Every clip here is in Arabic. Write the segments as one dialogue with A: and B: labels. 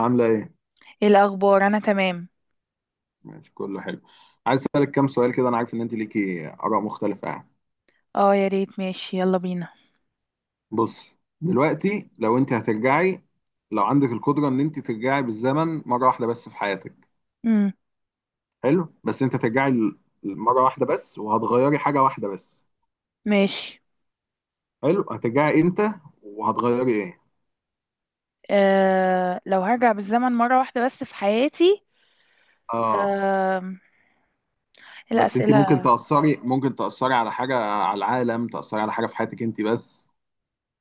A: عاملة ايه؟
B: ايه الاخبار؟ انا تمام.
A: ماشي، كله حلو. عايز اسألك كام سؤال كده، انا عارف ان انت ليكي آراء مختلفة يعني.
B: اه يا ريت، ماشي يلا بينا.
A: بص، دلوقتي لو انت هترجعي، لو عندك القدرة ان انت ترجعي بالزمن مرة واحدة بس في حياتك.
B: امم
A: حلو، بس انت هترجعي مرة واحدة بس، وهتغيري حاجة واحدة بس.
B: ماشي.
A: حلو، هترجعي امتى وهتغيري ايه؟
B: آه لو هرجع بالزمن مرة واحدة بس في حياتي.
A: اه،
B: آه
A: بس انت ممكن
B: الأسئلة.
A: تأثري، على حاجة، على العالم، تأثري على حاجة في حياتك انت بس.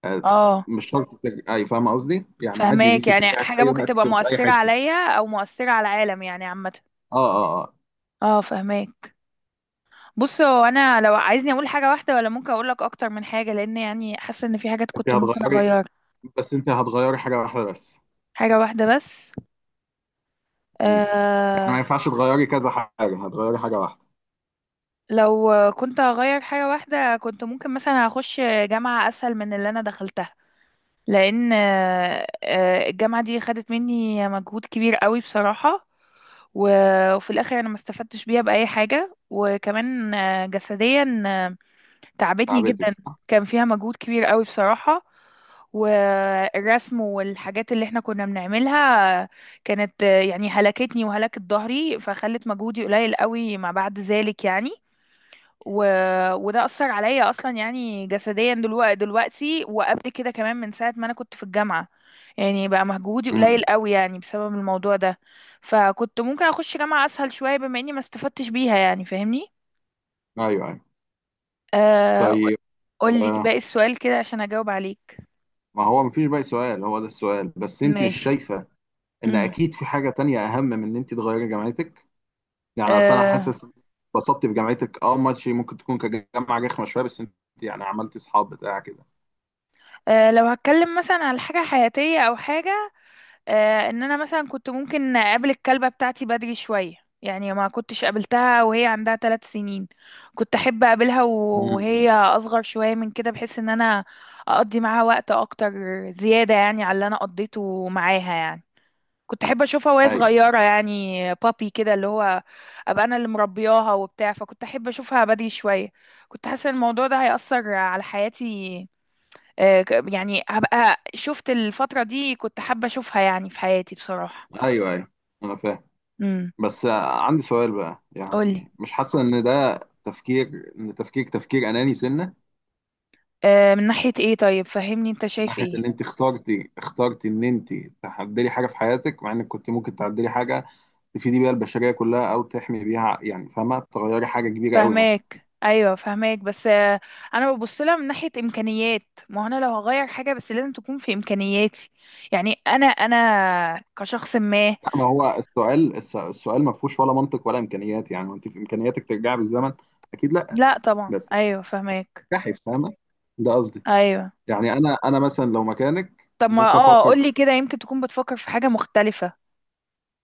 A: آه،
B: اه
A: مش شرط ترجعي، فاهمة قصدي؟ يعني عادي
B: فهماك،
A: ليكي
B: يعني
A: ترجعي في
B: حاجة
A: اي
B: ممكن
A: وقت
B: تبقى
A: وفي اي
B: مؤثرة
A: حتة.
B: عليا او مؤثرة على العالم يعني عامة.
A: اه، اه، اه.
B: اه فهماك. بص هو انا لو عايزني اقول حاجة واحدة ولا ممكن اقول لك اكتر من حاجة، لان يعني حاسة ان في حاجات
A: انت
B: كنت ممكن
A: هتغيري،
B: اغيرها.
A: بس انت هتغيري حاجه واحده بس.
B: حاجة واحدة بس.
A: امم يعني ما
B: آه
A: ينفعش تغيري كذا حاجه، هتغيري حاجه واحده.
B: لو كنت هغير حاجة واحدة، كنت ممكن مثلا هخش جامعة أسهل من اللي أنا دخلتها. لأن الجامعة دي خدت مني مجهود كبير قوي بصراحة. وفي الآخر أنا ما استفدتش بيها بأي حاجة، وكمان جسديا تعبتني
A: تعبتك،
B: جدا.
A: صح.
B: كان فيها مجهود كبير قوي بصراحة، والرسم والحاجات اللي احنا كنا بنعملها كانت يعني هلكتني وهلكت ظهري، فخلت مجهودي قليل قوي ما بعد ذلك يعني. و... وده أثر عليا أصلا، يعني جسديا دلوقتي وقبل كده كمان، من ساعة ما أنا كنت في الجامعة يعني بقى مجهودي قليل
A: امم.
B: قوي يعني بسبب الموضوع ده. فكنت ممكن أخش جامعة أسهل شوية بما إني ما استفدتش بيها، يعني فاهمني.
A: ايوه، ايوه.
B: آه...
A: طيب.
B: قولي
A: آه
B: باقي السؤال كده عشان أجاوب عليك.
A: ما هو مفيش باقي سؤال، هو ده السؤال، بس انت مش
B: ماشي.
A: شايفه ان
B: امم
A: اكيد في حاجه تانية اهم من ان انت تغيري جامعتك. يعني اصل انا
B: آه...
A: حاسس اتبسطت في جامعتك، اه ماشي، ممكن تكون كجامعه رخمه شويه، بس انت يعني عملتي اصحاب بتاع كده.
B: لو هتكلم مثلا على حاجة حياتية أو حاجة، ان انا مثلا كنت ممكن اقابل الكلبة بتاعتي بدري شوية. يعني ما كنتش قابلتها وهي عندها ثلاث سنين. كنت احب اقابلها
A: امم.
B: وهي اصغر شوية من كده، بحيث ان انا اقضي معاها وقت اكتر زيادة يعني على اللي انا قضيته معاها يعني. كنت احب اشوفها وهي
A: ايوه، ايوه،
B: صغيرة، يعني بابي كده، اللي هو ابقى انا اللي مربياها وبتاع، فكنت احب اشوفها بدري شوية. كنت حاسة ان الموضوع ده هيأثر على حياتي. يعني هبقى شفت الفترة دي، كنت حابة أشوفها يعني في حياتي بصراحة.
A: ايوه، ايوه، انا فاهم.
B: امم
A: بس عندي سؤال بقى،
B: قولي.
A: يعني مش حاسة ان ده تفكير، ان تفكير اناني سنة.
B: من ناحية ايه؟ طيب فهمني انت
A: من
B: شايف
A: ناحية ان
B: ايه.
A: انت اخترتي ان انت تعدلي حاجة في حياتك، مع انك كنت ممكن تعدلي حاجة تفيدي بيها البشرية كلها او تحمي بيها، يعني فاهمة، تغيري حاجة كبيرة قوي مثلا.
B: فهماك، ايوه فهماك، بس انا ببص لها من ناحية امكانيات. ما هو انا لو هغير حاجة بس لازم تكون في امكانياتي. يعني انا كشخص ما.
A: لا ما هو السؤال، السؤال ما فيهوش ولا منطق ولا امكانيات، يعني وانت في امكانياتك ترجعي بالزمن. اكيد لا.
B: لا طبعا،
A: بس
B: ايوه فهماك.
A: تفتحي، فاهمة، ده قصدي.
B: ايوه.
A: يعني انا مثلا لو مكانك
B: طب ما
A: ممكن
B: اه
A: افكر.
B: قولي كده، يمكن تكون بتفكر في حاجة مختلفة.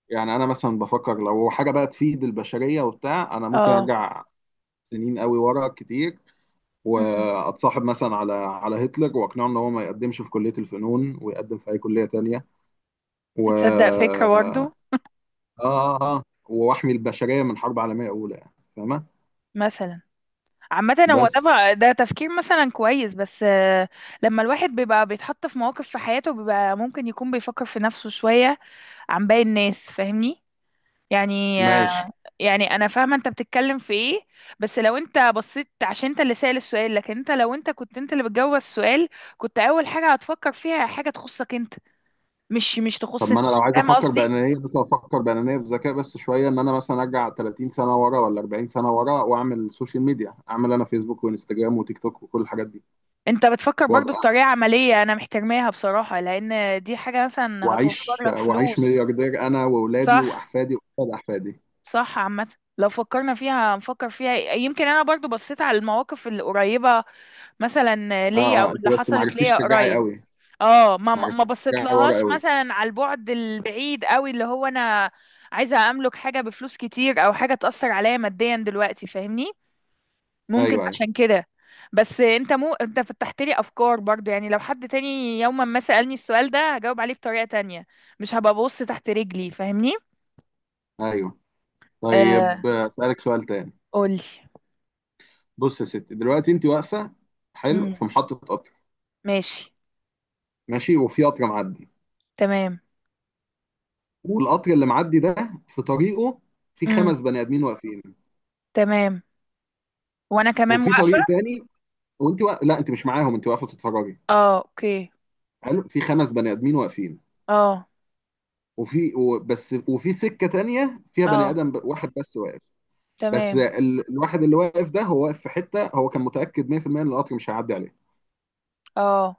A: يعني انا مثلا بفكر لو حاجه بقى تفيد البشريه وبتاع، انا ممكن
B: اه.
A: ارجع سنين قوي ورا كتير،
B: امم
A: واتصاحب مثلا على هتلر واقنعه ان هو ما يقدمش في كليه الفنون ويقدم في اي كليه تانية، و
B: تصدق فكرة
A: اه
B: برضه.
A: اه اه واحمي البشريه من حرب عالميه اولى، يعني فاهمه.
B: مثلا. عامة هو
A: بس
B: ده تفكير مثلا كويس، بس لما الواحد بيبقى بيتحط في مواقف في حياته، بيبقى ممكن يكون بيفكر في نفسه شوية عن باقي الناس، فاهمني. يعني
A: ماشي.
B: يعني انا فاهمة انت بتتكلم في ايه. بس لو انت بصيت، عشان انت اللي سأل السؤال، لكن انت لو انت كنت انت اللي بتجاوب السؤال، كنت اول حاجة هتفكر فيها حاجة تخصك انت، مش
A: طب
B: تخص
A: ما انا
B: الناس،
A: لو عايز
B: فاهم
A: افكر
B: قصدي.
A: بانانيه، بس افكر بانانيه بذكاء بس شويه، ان انا مثلا ارجع 30 سنه ورا ولا 40 سنه ورا، واعمل سوشيال ميديا، اعمل انا فيسبوك وانستجرام وتيك توك وكل الحاجات
B: انت بتفكر برضو
A: دي،
B: بطريقة عملية، انا محترماها بصراحة، لان دي حاجة مثلا هتوفر
A: واعيش
B: لك
A: واعيش
B: فلوس.
A: ملياردير انا واولادي
B: صح.
A: واحفادي واولاد احفادي.
B: صح عامة، لو فكرنا فيها نفكر فيها. يمكن انا برضو بصيت على المواقف القريبة مثلا ليا
A: اه، اه.
B: او
A: انت
B: اللي
A: بس ما
B: حصلت
A: عرفتيش
B: ليا
A: ترجعي
B: قريب.
A: قوي.
B: اه
A: ما
B: ما
A: عرفتيش
B: بصيت
A: ترجعي ورا
B: لهاش
A: قوي.
B: مثلا على البعد البعيد قوي، اللي هو انا عايزة املك حاجة بفلوس كتير او حاجة تأثر عليا ماديا دلوقتي، فاهمني، ممكن
A: ايوه، ايوه،
B: عشان كده. بس انت مو انت فتحت لي افكار برضو، يعني لو حد تاني يوما ما سألني السؤال ده، هجاوب عليه بطريقة تانية، مش هبقى ببص تحت رجلي، فاهمني.
A: ايوه. طيب
B: آه
A: اسالك سؤال تاني.
B: قولي.
A: بص يا ستي، دلوقتي انت واقفه، حلو، في
B: امم
A: محطه قطر.
B: ماشي.
A: ماشي، وفي قطر معدي،
B: تمام.
A: والقطر اللي معدي ده في طريقه في
B: امم
A: خمس بني ادمين واقفين.
B: تمام، وانا كمان
A: وفي
B: واقفة.
A: طريق تاني، لا انت مش معاهم، انت واقفه بتتفرجي.
B: اه اوكي.
A: حلو، في خمس بني ادمين واقفين،
B: اه.
A: بس وفي سكه تانيه فيها بني
B: اه
A: ادم، واحد بس واقف. بس
B: تمام.
A: الواحد اللي واقف ده هو واقف في حته، هو كان متاكد 100% ان القطر مش هيعدي عليه.
B: اه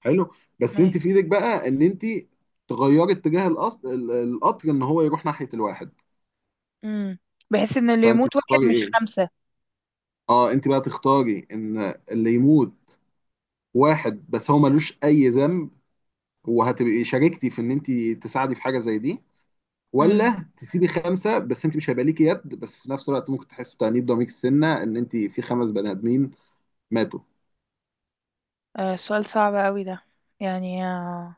A: حلو، بس انت
B: ماشي.
A: في ايدك بقى ان انت تغيري اتجاه القطر، القطر ان هو يروح ناحيه الواحد.
B: امم بحس ان اللي
A: فانت
B: يموت واحد
A: تختاري
B: مش
A: ايه؟
B: خمسة.
A: اه، انت بقى تختاري ان اللي يموت واحد بس هو ملوش اي ذنب، وهتبقي شاركتي في ان انت تساعدي في حاجه زي دي،
B: امم
A: ولا تسيبي خمسه، بس انت مش هيبقى ليكي يد، بس في نفس الوقت ممكن تحسي بتأنيب ضمير السنه ان انت في خمس بني ادمين ماتوا.
B: آه سؤال صعب قوي ده. يعني آه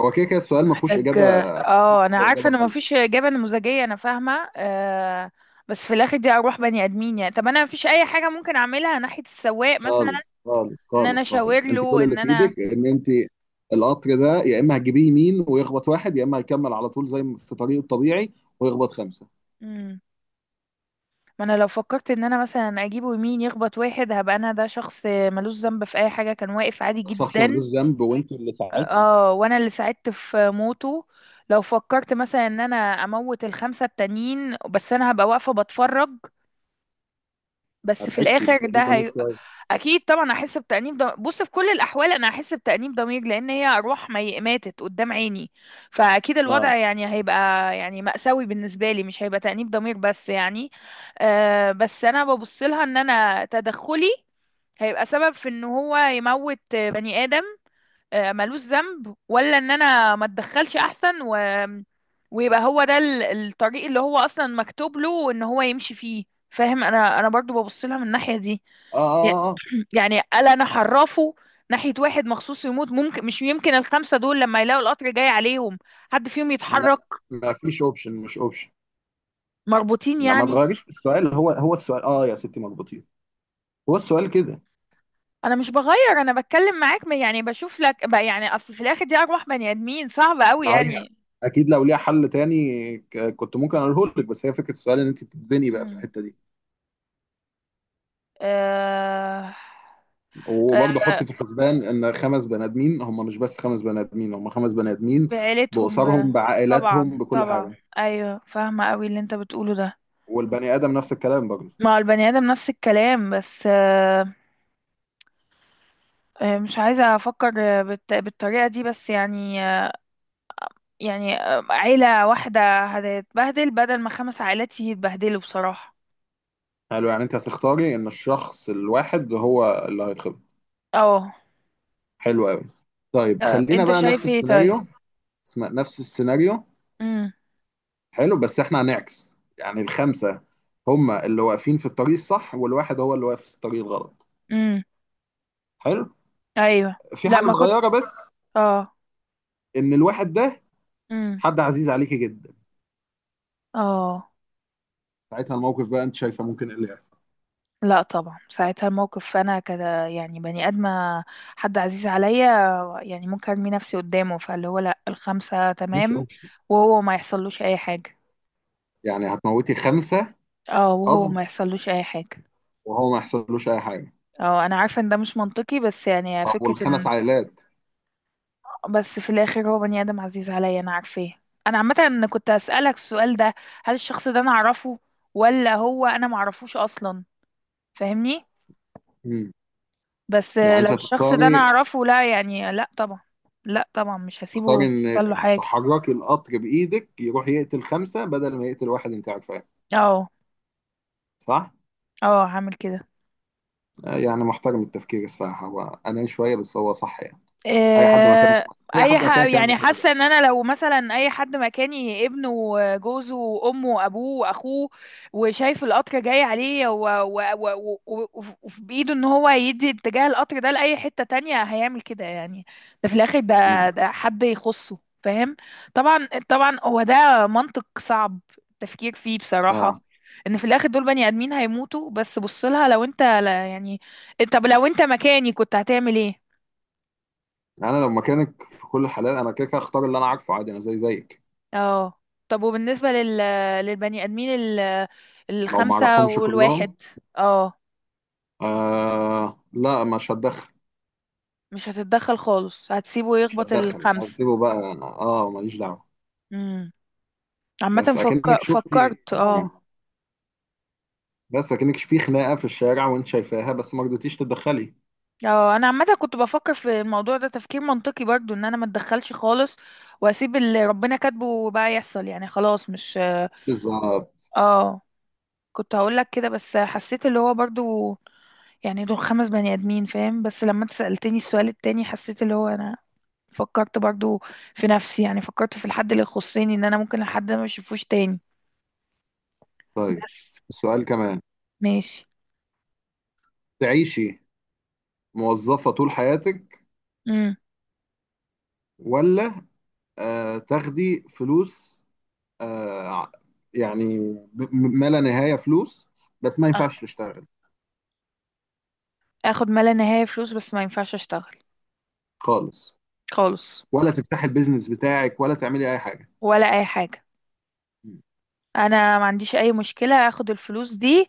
A: هو كده كده السؤال ما فيهوش
B: محتاج.
A: اجابه
B: اه انا
A: صح
B: عارفة
A: واجابه
B: ان
A: غلط.
B: مفيش اجابة نموذجية، انا فاهمة آه. بس في الاخر دي اروح بني ادمين يعني. طب انا مفيش اي حاجة ممكن اعملها ناحية السواق مثلا؟
A: خالص، خالص،
B: ان انا
A: خالص،
B: اشاور
A: خالص، انت كل
B: له
A: اللي
B: ان
A: في
B: انا.
A: ايدك ان انت القطر ده يا اما هتجيبيه يمين ويخبط واحد، يا اما هيكمل على طول زي ما في طريقه الطبيعي ويخبط خمسه.
B: مم. ما انا لو فكرت ان انا مثلا اجيبه يمين يخبط واحد، هبقى انا ده شخص ملوش ذنب في اي حاجه، كان واقف عادي
A: شخص
B: جدا.
A: ملوش ذنب وانت اللي ساعدتي.
B: اه وانا اللي ساعدت في موته. لو فكرت مثلا ان انا اموت الخمسه التانيين، بس انا هبقى واقفه بتفرج. بس في
A: هتحسي
B: الاخر
A: بتأنيب ضمير شويه.
B: اكيد طبعا هحس بتأنيب ضمير. بص في كل الاحوال انا هحس بتأنيب ضمير، لان هي ارواح ماتت قدام عيني. فاكيد
A: اه،
B: الوضع يعني هيبقى يعني مأساوي بالنسبه لي، مش هيبقى تأنيب ضمير بس يعني. بس انا ببص لها ان انا تدخلي هيبقى سبب في ان هو يموت بني ادم ملوش ذنب، ولا ان انا ما اتدخلش احسن ويبقى هو ده الطريق اللي هو اصلا مكتوب له ان هو يمشي فيه، فاهم. انا برضو ببص لها من الناحية دي.
A: اه،
B: يع-
A: اه، اه.
B: يعني الا انا حرفه ناحية واحد مخصوص يموت، ممكن مش يمكن الخمسة دول لما يلاقوا القطر جاي عليهم حد فيهم
A: لا
B: يتحرك؟
A: ما فيش اوبشن، مش اوبشن.
B: مربوطين
A: لا، ما
B: يعني؟
A: تغيريش في السؤال، هو السؤال، اه يا ستي، مظبوطين. هو السؤال كده.
B: انا مش بغير، انا بتكلم معاك. يعني بشوف لك بقى، يعني اصل في الاخر دي ارواح بني ادمين صعبة قوي
A: ما هي
B: يعني.
A: اكيد لو ليها حل تاني كنت ممكن اقوله لك، بس هي فكره السؤال ان انت بتتزنقي بقى في
B: مم.
A: الحته دي.
B: آه... آه،
A: وبرضه حط في الحسبان ان خمس بني ادمين هم مش بس خمس بني ادمين، هم خمس بني ادمين
B: بعيلتهم
A: باسرهم، بعائلاتهم،
B: طبعا
A: بكل
B: طبعا،
A: حاجه.
B: ايوه فاهمه قوي اللي انت بتقوله ده.
A: والبني ادم نفس الكلام برضه.
B: ما هو البني ادم نفس الكلام، بس مش عايزه افكر بالطريقه دي، بس يعني يعني عيله واحده هتتبهدل بدل ما خمس عائلات يتبهدلوا بصراحه.
A: حلو، يعني انت هتختاري ان الشخص الواحد هو اللي هيتخبط.
B: اه.
A: حلو قوي. طيب خلينا
B: انت
A: بقى نفس
B: شايف ايه طيب؟
A: السيناريو. اسمع، نفس السيناريو،
B: امم
A: حلو، بس احنا هنعكس، يعني الخمسه هم اللي واقفين في الطريق الصح والواحد هو اللي واقف في الطريق الغلط.
B: امم
A: حلو،
B: ايوه.
A: في
B: لا
A: حاجه
B: ما كنت.
A: صغيره بس،
B: اه.
A: ان الواحد ده
B: امم
A: حد عزيز عليكي جدا.
B: اه.
A: ساعتها الموقف بقى انت شايفه ممكن ايه اللي يحصل.
B: لا طبعا، ساعتها الموقف فانا كده يعني بني ادمه حد عزيز عليا، يعني ممكن ارمي نفسي قدامه، فاللي هو لا الخمسه
A: مش
B: تمام
A: اوبشن.
B: وهو ما يحصلوش اي حاجه.
A: يعني هتموتي خمسه.
B: اه وهو
A: قصد،
B: ما يحصلوش اي حاجه.
A: وهو ما يحصلوش اي حاجه.
B: اه انا عارفه ان ده مش منطقي، بس يعني
A: طب
B: فكره
A: والخمس
B: ان
A: عائلات؟
B: بس في الاخر هو بني ادم عزيز عليا انا عارفاه. انا عامه إن كنت اسالك السؤال ده، هل الشخص ده انا اعرفه ولا هو انا ما اعرفوش اصلا؟ فاهمني.
A: مم.
B: بس
A: يعني
B: لو
A: انت
B: الشخص ده انا
A: هتختاري،
B: اعرفه، لا يعني لا طبعا. لا طبعا مش هسيبه
A: ان
B: يحصل له حاجه.
A: تحركي القطر بايدك يروح يقتل خمسه بدل ما يقتل واحد انت عارفاه.
B: اه.
A: صح؟
B: اه هعمل كده.
A: يعني محترم التفكير الصراحه، هو انا شويه بس هو صح يعني. اي حد مكانك،
B: آه،
A: اي حد مكانك يعمل
B: يعني
A: كده.
B: حاسه ان انا لو مثلا اي حد مكاني، ابنه وجوزه وامه وابوه واخوه، وشايف القطر جاي عليه وفي بايده ان هو يدي اتجاه القطر ده لاي حته تانية، هيعمل كده يعني. ده في الاخر
A: مم.
B: ده حد يخصه، فاهم. طبعا طبعا، هو ده منطق صعب التفكير فيه بصراحه،
A: اه،
B: ان في الاخر دول بني ادمين هيموتوا. بس بص لها لو انت، لا يعني، طب لو انت مكاني كنت هتعمل ايه؟
A: انا لو مكانك في كل الحالات انا كده كده هختار اللي انا عارفه، عادي، انا زي زيك.
B: اه. طب وبالنسبة للبني آدمين
A: لو ما
B: الخمسة
A: اعرفهمش كلهم،
B: والواحد؟ اه.
A: لا مش هتدخل.
B: مش هتتدخل خالص، هتسيبه
A: مش
B: يخبط
A: هتدخل، انا
B: الخمس.
A: هسيبه بقى، اه، ماليش دعوه.
B: امم عامة
A: بس اكنك شفتي
B: فكرت
A: يعني،
B: اه.
A: بس اكنك في خناقه في الشارع وانت شايفاها بس ما رضيتيش تتدخلي.
B: اه انا عامة كنت بفكر في الموضوع ده تفكير منطقي برضو، ان انا ما اتدخلش خالص، واسيب اللي ربنا كاتبه بقى يحصل يعني، خلاص مش.
A: بالظبط.
B: اه كنت هقول لك كده، بس حسيت اللي هو برضو يعني دول خمس بني ادمين فاهم، بس لما انت سألتني السؤال التاني حسيت اللي هو انا فكرت برضو في نفسي، يعني فكرت في الحد اللي يخصني، ان انا ممكن الحد ده ما اشوفوش تاني.
A: طيب
B: بس
A: سؤال كمان.
B: ماشي.
A: تعيشي موظفه طول حياتك،
B: امم
A: ولا تاخدي فلوس، آه ع- يعني ما لا نهايه فلوس، بس ما ينفعش تشتغل
B: اخد ما لا نهاية فلوس بس ما ينفعش اشتغل.
A: خالص،
B: خالص.
A: ولا تفتحي البيزنس بتاعك، ولا تعملي اي حاجه.
B: ولا اي حاجة. انا ما عنديش اي مشكلة اخد الفلوس دي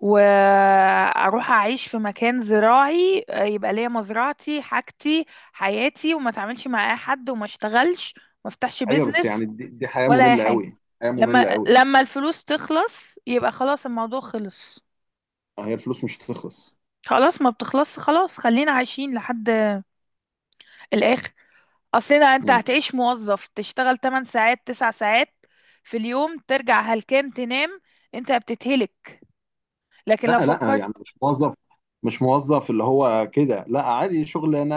B: واروح اعيش في مكان زراعي، يبقى ليا مزرعتي، حاجتي، حياتي، وما اتعاملش مع اي حد وما اشتغلش، ما افتحش
A: ايوه بس
B: بيزنس
A: يعني دي حياه
B: ولا اي
A: ممله
B: حاجة.
A: قوي. حياه ممله قوي.
B: لما الفلوس تخلص يبقى خلاص الموضوع خلص.
A: هي الفلوس مش هتخلص.
B: خلاص ما بتخلص، خلاص خلينا عايشين لحد الآخر. أصلنا أنت
A: مم.
B: هتعيش موظف تشتغل 8 ساعات 9 ساعات في اليوم، ترجع هلكان تنام، أنت بتتهلك. لكن
A: لا
B: لو
A: لا،
B: فكرت
A: يعني مش موظف، مش موظف اللي هو كده، لا عادي شغلانه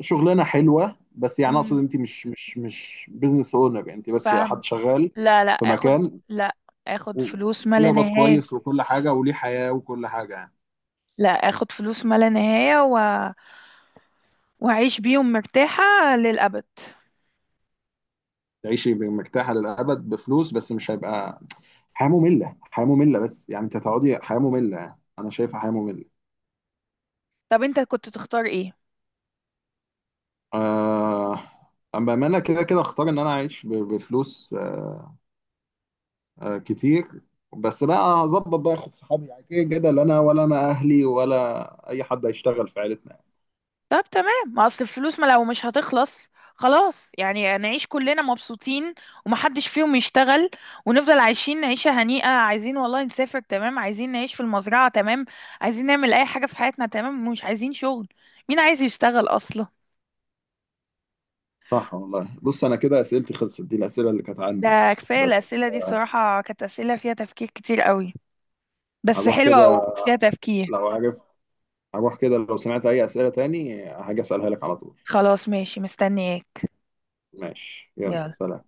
A: شغلانه حلوه، بس يعني اقصد
B: مم.
A: انت مش بزنس اونر، انت بس
B: فاهمة.
A: حد شغال
B: لا
A: في
B: آخد.
A: مكان،
B: لا آخد
A: و-
B: فلوس ما لا
A: وبيقبض
B: نهاية.
A: كويس وكل حاجه وليه حياه وكل حاجه يعني.
B: لا آخد فلوس ما لا نهاية وأعيش بيهم مرتاحة للأبد.
A: تعيشي مرتاحه للابد بفلوس، بس مش هيبقى حياه ممله، حياه ممله، بس يعني انت هتقعدي حياه ممله يعني. انا شايفها حياه ممله.
B: طب أنت كنت تختار إيه؟
A: آه... اما انا كده كده اختار ان انا اعيش بفلوس، كتير. بس بقى هظبط بقى اخد صحابي، يعني كده كده لا انا ولا اهلي ولا اي حد هيشتغل في عيلتنا يعني.
B: طب تمام، ما اصل الفلوس ما لو مش هتخلص، خلاص يعني نعيش كلنا مبسوطين ومحدش فيهم يشتغل، ونفضل عايشين عيشة هنيئة. عايزين والله نسافر، تمام. عايزين نعيش في المزرعة، تمام. عايزين نعمل اي حاجة في حياتنا، تمام. مش عايزين شغل. مين عايز يشتغل اصلا؟
A: صح والله. بص انا كده اسئلتي خلصت، دي الاسئله اللي كانت عندي،
B: ده كفاية،
A: بس
B: الأسئلة دي بصراحة كانت أسئلة فيها تفكير كتير قوي، بس
A: هروح
B: حلوة
A: كده.
B: وفيها تفكير.
A: لو عارف لو سمعت اي اسئله تاني هاجي اسالها لك على طول.
B: خلاص ماشي، مستنياك.
A: ماشي، يلا،
B: يلا.
A: سلام.